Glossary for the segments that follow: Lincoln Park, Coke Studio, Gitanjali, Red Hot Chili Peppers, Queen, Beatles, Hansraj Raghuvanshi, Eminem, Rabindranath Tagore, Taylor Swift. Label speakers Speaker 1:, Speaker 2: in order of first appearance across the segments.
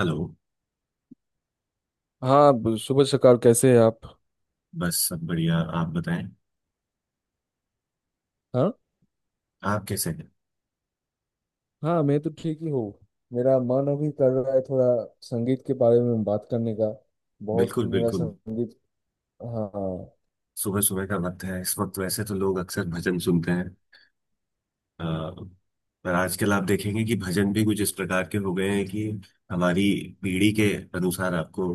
Speaker 1: Hello.
Speaker 2: हाँ। शुभ सकार, कैसे हैं आप?
Speaker 1: बस सब बढ़िया, आप बताएं।
Speaker 2: हाँ।
Speaker 1: आप कैसे हैं?
Speaker 2: हाँ, मैं तो ठीक ही हूँ। मेरा मन अभी कर रहा है थोड़ा संगीत के बारे में बात करने का। बहुत
Speaker 1: बिल्कुल
Speaker 2: मेरा
Speaker 1: बिल्कुल।
Speaker 2: संगीत। हाँ।
Speaker 1: सुबह सुबह का वक्त है, इस वक्त वैसे तो लोग अक्सर भजन सुनते हैं। अ, पर आजकल आप देखेंगे कि भजन भी कुछ इस प्रकार के हो गए हैं कि हमारी पीढ़ी के अनुसार आपको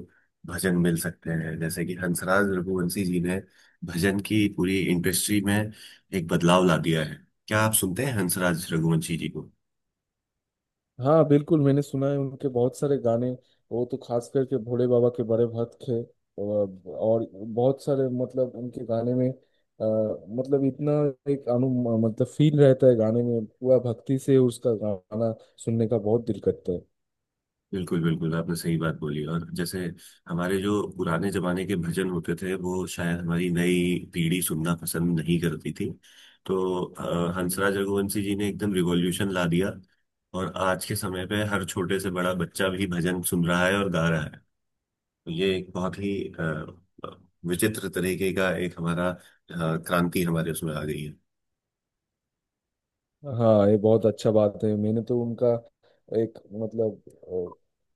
Speaker 1: भजन मिल सकते हैं। जैसे कि हंसराज रघुवंशी जी ने भजन की पूरी इंडस्ट्री में एक बदलाव ला दिया है। क्या आप सुनते हैं हंसराज रघुवंशी जी को?
Speaker 2: हाँ, बिल्कुल, मैंने सुना है उनके बहुत सारे गाने। वो तो खास करके भोले बाबा के बड़े भक्त थे। और बहुत सारे मतलब उनके गाने में मतलब इतना एक अनु मतलब फील रहता है गाने में, पूरा भक्ति से उसका गाना सुनने का बहुत दिल करता है।
Speaker 1: बिल्कुल बिल्कुल, आपने सही बात बोली। और जैसे हमारे जो पुराने जमाने के भजन होते थे वो शायद हमारी नई पीढ़ी सुनना पसंद नहीं करती थी, तो हंसराज रघुवंशी जी ने एकदम रिवॉल्यूशन ला दिया। और आज के समय पे हर छोटे से बड़ा बच्चा भी भजन सुन रहा है और गा रहा है। तो ये एक बहुत ही अ, विचित्र तरीके का एक हमारा क्रांति हमारे उसमें आ गई है।
Speaker 2: हाँ, ये बहुत अच्छा बात है। मैंने तो उनका एक मतलब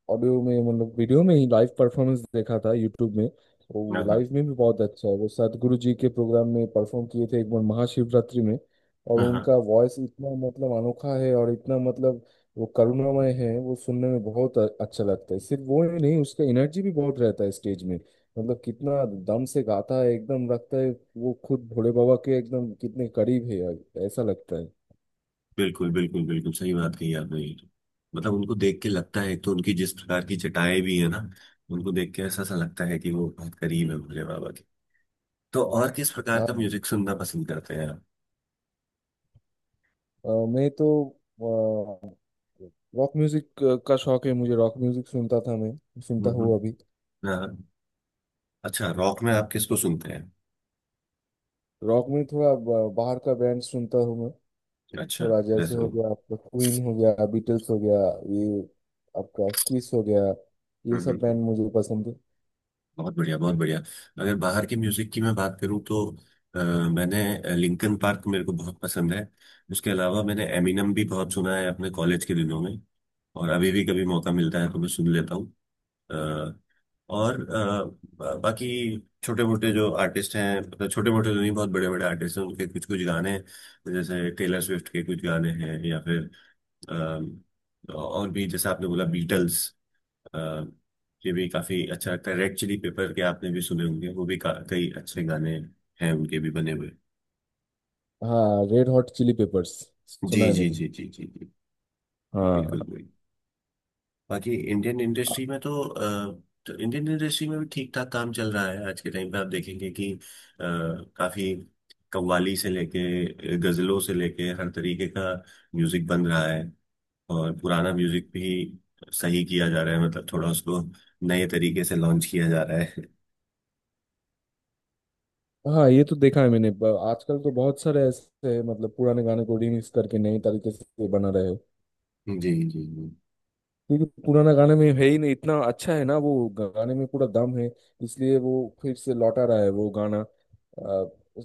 Speaker 2: ऑडियो में मतलब वीडियो में ही लाइव परफॉर्मेंस देखा था यूट्यूब में। वो
Speaker 1: हाँ हाँ
Speaker 2: लाइव में भी बहुत अच्छा है। वो सदगुरु जी के प्रोग्राम में परफॉर्म किए थे एक बार महाशिवरात्रि में। और
Speaker 1: हाँ हाँ।
Speaker 2: उनका वॉइस इतना मतलब अनोखा है, और इतना मतलब वो करुणामय है, वो सुनने में बहुत अच्छा लगता है। सिर्फ वो ही नहीं, उसका एनर्जी भी बहुत रहता है स्टेज में। मतलब कितना दम से गाता है, एकदम लगता है वो खुद भोले बाबा के एकदम कितने करीब है, ऐसा लगता है।
Speaker 1: बिल्कुल बिल्कुल बिल्कुल, सही बात कही आपने। ये तो मतलब उनको देख के लगता है, एक तो उनकी जिस प्रकार की चटाएं भी है ना, उनको देख के ऐसा सा लगता है कि वो बहुत करीब है भोले बाबा के। तो और किस प्रकार का
Speaker 2: हाँ।
Speaker 1: म्यूजिक सुनना पसंद करते हैं आप?
Speaker 2: अ, मैं तो रॉक म्यूजिक का शौक है मुझे। रॉक म्यूजिक सुनता था मैं, सुनता
Speaker 1: हम्म
Speaker 2: हूँ
Speaker 1: हम्म,
Speaker 2: अभी।
Speaker 1: हाँ। अच्छा, रॉक में आप किसको सुनते हैं?
Speaker 2: रॉक में थोड़ा बाहर का बैंड सुनता हूँ मैं।
Speaker 1: अच्छा।
Speaker 2: थोड़ा जैसे
Speaker 1: जैसे
Speaker 2: हो
Speaker 1: वो,
Speaker 2: गया आपका क्वीन, हो गया बीटल्स, हो गया ये, आपका किस हो गया, ये
Speaker 1: हम्म
Speaker 2: सब
Speaker 1: हम्म,
Speaker 2: बैंड मुझे पसंद है।
Speaker 1: बहुत बढ़िया बहुत बढ़िया। अगर बाहर के म्यूजिक की मैं बात करूँ तो अ, मैंने लिंकन पार्क, मेरे को बहुत पसंद है। उसके अलावा मैंने एमिनम भी बहुत सुना है अपने कॉलेज के दिनों में, और अभी भी कभी मौका मिलता है तो मैं सुन लेता हूँ। अ, और बाकी छोटे मोटे जो आर्टिस्ट हैं, मतलब छोटे मोटे तो नहीं, बहुत बड़े बड़े आर्टिस्ट हैं, उनके कुछ कुछ गाने हैं। जैसे टेलर स्विफ्ट के कुछ गाने हैं, या फिर अ, और भी जैसे आपने बोला बीटल्स, अ, ये भी काफी अच्छा लगता है। रेड चिली पेपर के आपने भी सुने होंगे, वो भी कई अच्छे गाने हैं उनके भी बने हुए।
Speaker 2: हाँ, Red Hot Chili Peppers
Speaker 1: ji
Speaker 2: सुना है
Speaker 1: जी
Speaker 2: मैंने।
Speaker 1: जी जी जी जी, बिल्कुल
Speaker 2: हाँ।
Speaker 1: वही। बाकी इंडियन इंडस्ट्री में तो इंडियन इंडस्ट्री में भी ठीक ठाक काम चल रहा है। आज के टाइम पे आप देखेंगे कि काफी कव्वाली से लेके गजलों से लेके हर तरीके का म्यूजिक बन रहा है। और पुराना म्यूजिक भी सही किया जा रहा है, मतलब थोड़ा उसको नए तरीके से लॉन्च किया जा रहा है।
Speaker 2: हाँ, ये तो देखा है मैंने। आजकल तो बहुत सारे ऐसे हैं, मतलब पुराने गाने को रिमिक्स करके नई तरीके से बना रहे हैं।
Speaker 1: जी जी जी,
Speaker 2: क्योंकि पुराना गाने में है ही नहीं, इतना अच्छा है ना वो। गाने में पूरा दम है, इसलिए वो फिर से लौटा रहा है वो गाना,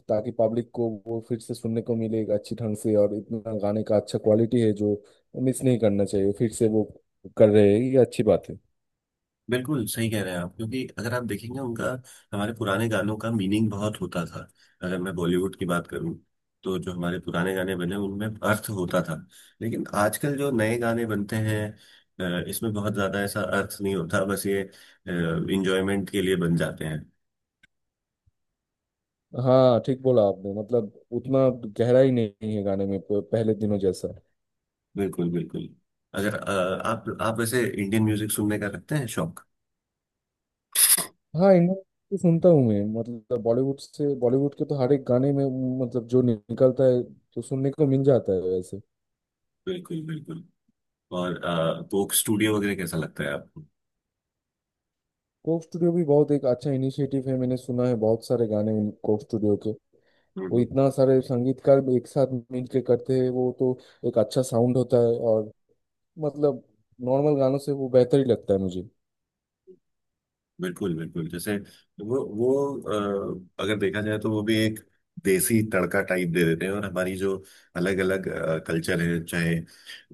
Speaker 2: ताकि पब्लिक को वो फिर से सुनने को मिले अच्छी ढंग से। और इतना गाने का अच्छा क्वालिटी है जो मिस नहीं करना चाहिए फिर से। वो कर रहे हैं, ये अच्छी बात है।
Speaker 1: बिल्कुल सही कह रहे हैं आप। क्योंकि अगर आप देखेंगे उनका, हमारे पुराने गानों का मीनिंग बहुत होता था। अगर मैं बॉलीवुड की बात करूं तो जो हमारे पुराने गाने बने उनमें अर्थ होता था, लेकिन आजकल जो नए गाने बनते हैं, इसमें बहुत ज्यादा ऐसा अर्थ नहीं होता, बस ये इंजॉयमेंट के लिए बन जाते हैं।
Speaker 2: हाँ, ठीक बोला आपने, मतलब उतना गहराई नहीं है गाने में पहले दिनों जैसा।
Speaker 1: बिल्कुल बिल्कुल। अगर आप वैसे इंडियन म्यूजिक सुनने का रखते हैं शौक?
Speaker 2: हाँ, इंडियन भी सुनता हूँ मैं, मतलब बॉलीवुड से। बॉलीवुड के तो हर एक गाने में मतलब जो निकलता है तो सुनने को मिल जाता है वैसे।
Speaker 1: बिल्कुल बिल्कुल। और कोक स्टूडियो वगैरह कैसा लगता है आपको?
Speaker 2: कोक स्टूडियो भी बहुत एक अच्छा इनिशिएटिव है। मैंने सुना है बहुत सारे गाने उन कोक स्टूडियो के।
Speaker 1: हम्म,
Speaker 2: वो
Speaker 1: हम्म।
Speaker 2: इतना सारे संगीतकार भी एक साथ मिलके करते हैं। वो तो एक अच्छा साउंड होता है, और मतलब नॉर्मल गानों से वो बेहतर ही लगता है मुझे।
Speaker 1: बिल्कुल बिल्कुल। जैसे वो अगर देखा जाए तो वो भी एक देसी तड़का टाइप दे देते हैं। और हमारी जो अलग अलग कल्चर है, चाहे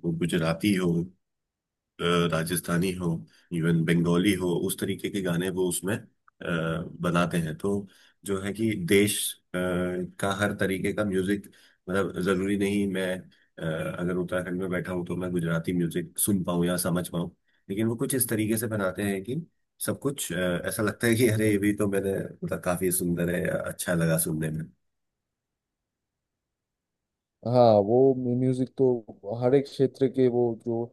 Speaker 1: वो गुजराती हो, अ, राजस्थानी हो, इवन बंगाली हो, उस तरीके के गाने वो उसमें बनाते हैं। तो जो है कि देश अ, का हर तरीके का म्यूजिक, मतलब जरूरी नहीं मैं अगर उत्तराखंड में बैठा हूँ तो मैं गुजराती म्यूजिक सुन पाऊँ या समझ पाऊँ, लेकिन वो कुछ इस तरीके से बनाते हैं कि सब कुछ ऐसा लगता है कि अरे ये भी तो मैंने, मतलब काफी सुंदर है या अच्छा लगा सुनने में।
Speaker 2: हाँ, वो म्यूजिक तो हर एक क्षेत्र के वो जो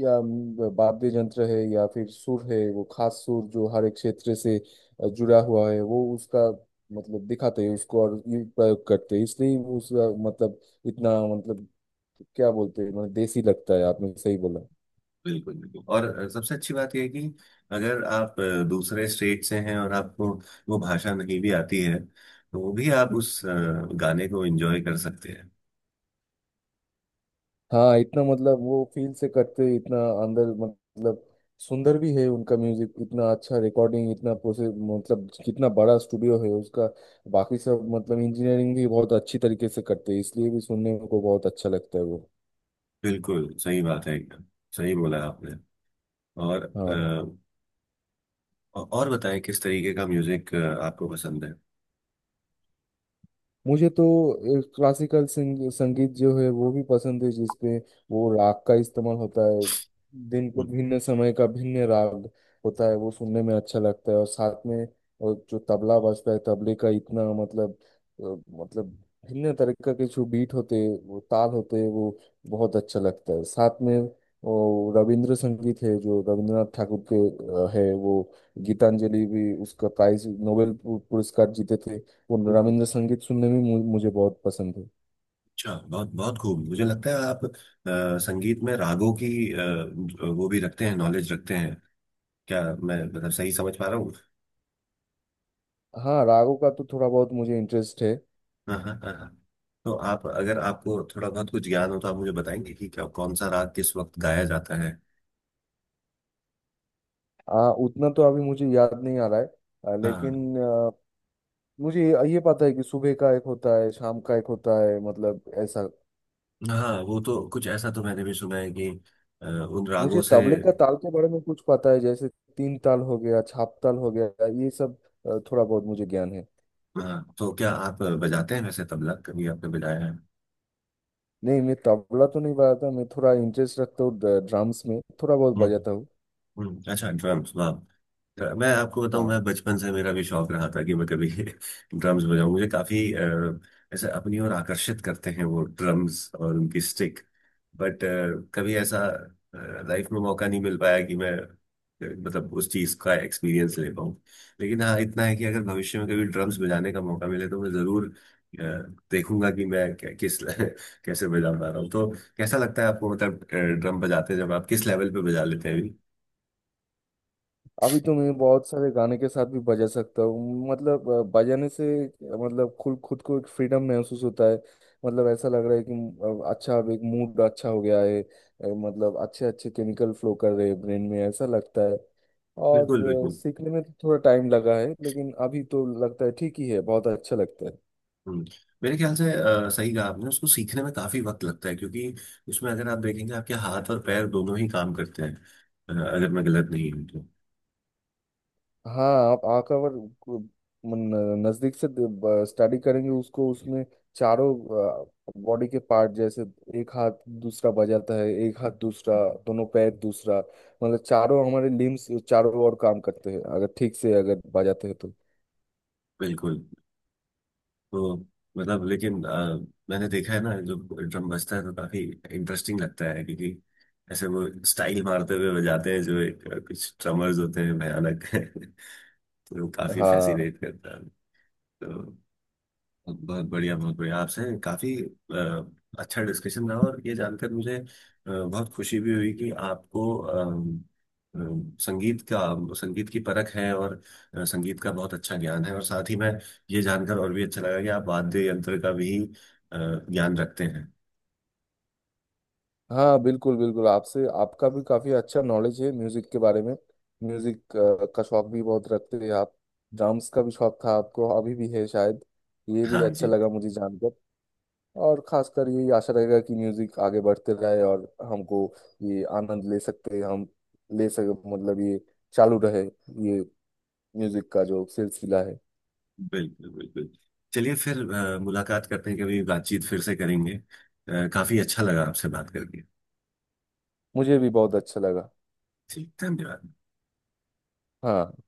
Speaker 2: या वाद्य यंत्र है या फिर सुर है, वो खास सुर जो हर एक क्षेत्र से जुड़ा हुआ है, वो उसका मतलब दिखाते हैं उसको और ये प्रयोग करते हैं। इसलिए वो उसका मतलब इतना मतलब क्या बोलते हैं, मतलब देसी लगता है। आपने सही बोला।
Speaker 1: बिल्कुल बिल्कुल। और सबसे अच्छी बात यह है कि अगर आप दूसरे स्टेट से हैं और आपको वो भाषा नहीं भी आती है, तो भी आप उस गाने को एंजॉय कर सकते हैं।
Speaker 2: हाँ, इतना मतलब वो फील से करते हैं, इतना अंदर मतलब सुंदर भी है उनका म्यूजिक, इतना अच्छा रिकॉर्डिंग, इतना प्रोसेस, मतलब कितना बड़ा स्टूडियो है उसका, बाकी सब मतलब इंजीनियरिंग भी बहुत अच्छी तरीके से करते हैं। इसलिए भी सुनने को बहुत अच्छा लगता है वो।
Speaker 1: बिल्कुल सही बात है एकदम, सही बोला आपने। और
Speaker 2: हाँ।
Speaker 1: और बताएं, किस तरीके का म्यूजिक आपको पसंद है?
Speaker 2: मुझे तो क्लासिकल संगीत जो है वो भी पसंद है, जिसपे वो राग का इस्तेमाल होता है, दिन के
Speaker 1: हम्म,
Speaker 2: भिन्न समय का भिन्न राग होता है, वो सुनने में अच्छा लगता है। और साथ में और जो तबला बजता है, तबले का इतना मतलब अ, मतलब भिन्न तरीके के जो बीट होते हैं, वो ताल होते हैं, वो बहुत अच्छा लगता है साथ में। वो रविंद्र संगीत है जो रविंद्रनाथ ठाकुर के है। वो गीतांजलि भी उसका प्राइज नोबेल पुरस्कार जीते थे। वो
Speaker 1: हम्म।
Speaker 2: रविंद्र संगीत सुनने में मुझे बहुत पसंद है।
Speaker 1: अच्छा, बहुत बहुत खूब। मुझे लगता है आप संगीत में रागों की वो भी रखते हैं, नॉलेज रखते हैं। क्या मैं मतलब सही समझ पा रहा हूँ?
Speaker 2: हाँ, रागों का तो थोड़ा बहुत मुझे इंटरेस्ट है।
Speaker 1: हाँ हाँ हाँ हाँ। तो आप, अगर आपको थोड़ा बहुत कुछ ज्ञान हो तो आप मुझे बताएंगे कि क्या कौन सा राग किस वक्त गाया जाता है?
Speaker 2: उतना तो अभी मुझे याद नहीं आ रहा है,
Speaker 1: हाँ,
Speaker 2: लेकिन मुझे ये पता है कि सुबह का एक होता है, शाम का एक होता है, मतलब ऐसा।
Speaker 1: हाँ वो तो कुछ ऐसा तो मैंने भी सुना है कि उन रागों
Speaker 2: मुझे
Speaker 1: से।
Speaker 2: तबले का ताल के बारे में कुछ पता है, जैसे तीन ताल हो गया, छाप ताल हो गया, ये सब थोड़ा बहुत मुझे ज्ञान है।
Speaker 1: हाँ, तो क्या आप बजाते हैं वैसे तबला? कभी आपने बजाया है?
Speaker 2: नहीं, मैं तबला तो नहीं बजाता, मैं थोड़ा इंटरेस्ट रखता हूँ ड्रम्स में, थोड़ा बहुत
Speaker 1: हम्म
Speaker 2: बजाता हूँ।
Speaker 1: अच्छा, ड्रम्स, वाह। तो मैं आपको बताऊं,
Speaker 2: हाँ,
Speaker 1: मैं बचपन से मेरा भी शौक रहा था कि मैं कभी ड्रम्स बजाऊं। मुझे काफी ऐसे अपनी ओर आकर्षित करते हैं वो ड्रम्स और उनकी स्टिक। बट कभी ऐसा लाइफ में मौका नहीं मिल पाया कि मैं मतलब उस चीज का एक्सपीरियंस ले पाऊँ। लेकिन हाँ, इतना है कि अगर भविष्य में कभी ड्रम्स बजाने का मौका मिले तो मैं जरूर अ, देखूंगा कि मैं किस कैसे बजा पा रहा हूँ। तो कैसा लगता है आपको, मतलब ड्रम बजाते हैं जब आप, किस लेवल पे बजा लेते हैं अभी?
Speaker 2: अभी तो मैं बहुत सारे गाने के साथ भी बजा सकता हूँ। मतलब बजाने से मतलब खुद खुद को एक फ्रीडम महसूस होता है। मतलब ऐसा लग रहा है कि अच्छा, अब एक मूड अच्छा हो गया है, मतलब अच्छे अच्छे केमिकल फ्लो कर रहे हैं ब्रेन में, ऐसा लगता है।
Speaker 1: बिल्कुल
Speaker 2: और
Speaker 1: बिल्कुल।
Speaker 2: सीखने में तो थोड़ा टाइम लगा है, लेकिन अभी तो लगता है ठीक ही है, बहुत अच्छा लगता है।
Speaker 1: हम्म। मेरे ख्याल से सही कहा आपने, उसको सीखने में काफी वक्त लगता है। क्योंकि उसमें अगर आप देखेंगे आपके हाथ और पैर दोनों ही काम करते हैं, अगर मैं गलत नहीं हूँ तो।
Speaker 2: हाँ, आप आंख और को- मन- नजदीक से स्टडी करेंगे उसको, उसमें चारों बॉडी के पार्ट, जैसे एक हाथ दूसरा बजाता है, एक हाथ दूसरा, दोनों पैर दूसरा, मतलब चारों हमारे लिम्स चारों ओर काम करते हैं, अगर ठीक से अगर बजाते हैं तो।
Speaker 1: बिल्कुल। तो मतलब लेकिन मैंने देखा है ना, जो ड्रम बजता है तो काफी इंटरेस्टिंग लगता है। क्योंकि ऐसे वो स्टाइल मारते हुए बजाते हैं, जो एक कुछ ड्रमर्स होते हैं भयानक तो काफी
Speaker 2: हाँ।
Speaker 1: फैसिनेट करता है। तो बहुत बढ़िया बहुत बढ़िया, आपसे काफी अच्छा डिस्कशन रहा। और ये जानकर मुझे बहुत खुशी भी हुई कि आपको अम, अम, संगीत का, संगीत की परख है और संगीत का बहुत अच्छा ज्ञान है। और साथ ही मैं ये जानकर और भी अच्छा लगा कि आप वाद्य यंत्र का भी अ, ज्ञान रखते हैं।
Speaker 2: हाँ, बिल्कुल बिल्कुल, आपसे आपका भी काफी अच्छा नॉलेज है म्यूजिक के बारे में। म्यूजिक का शौक भी बहुत रखते हैं आप। ड्राम्स का भी शौक था आपको, अभी भी है शायद, ये भी
Speaker 1: हाँ
Speaker 2: अच्छा
Speaker 1: जी।
Speaker 2: लगा मुझे जानकर। और खासकर यही आशा रहेगा कि म्यूजिक आगे बढ़ते रहे, और हमको ये आनंद ले सकते हम, ले सके, मतलब ये चालू रहे, ये म्यूजिक का जो सिलसिला है।
Speaker 1: बिल्कुल बिल्कुल। चलिए फिर मुलाकात करते हैं कभी, बातचीत फिर से करेंगे। काफी अच्छा लगा आपसे बात करके।
Speaker 2: मुझे भी बहुत अच्छा लगा।
Speaker 1: जी धन्यवाद।
Speaker 2: हाँ।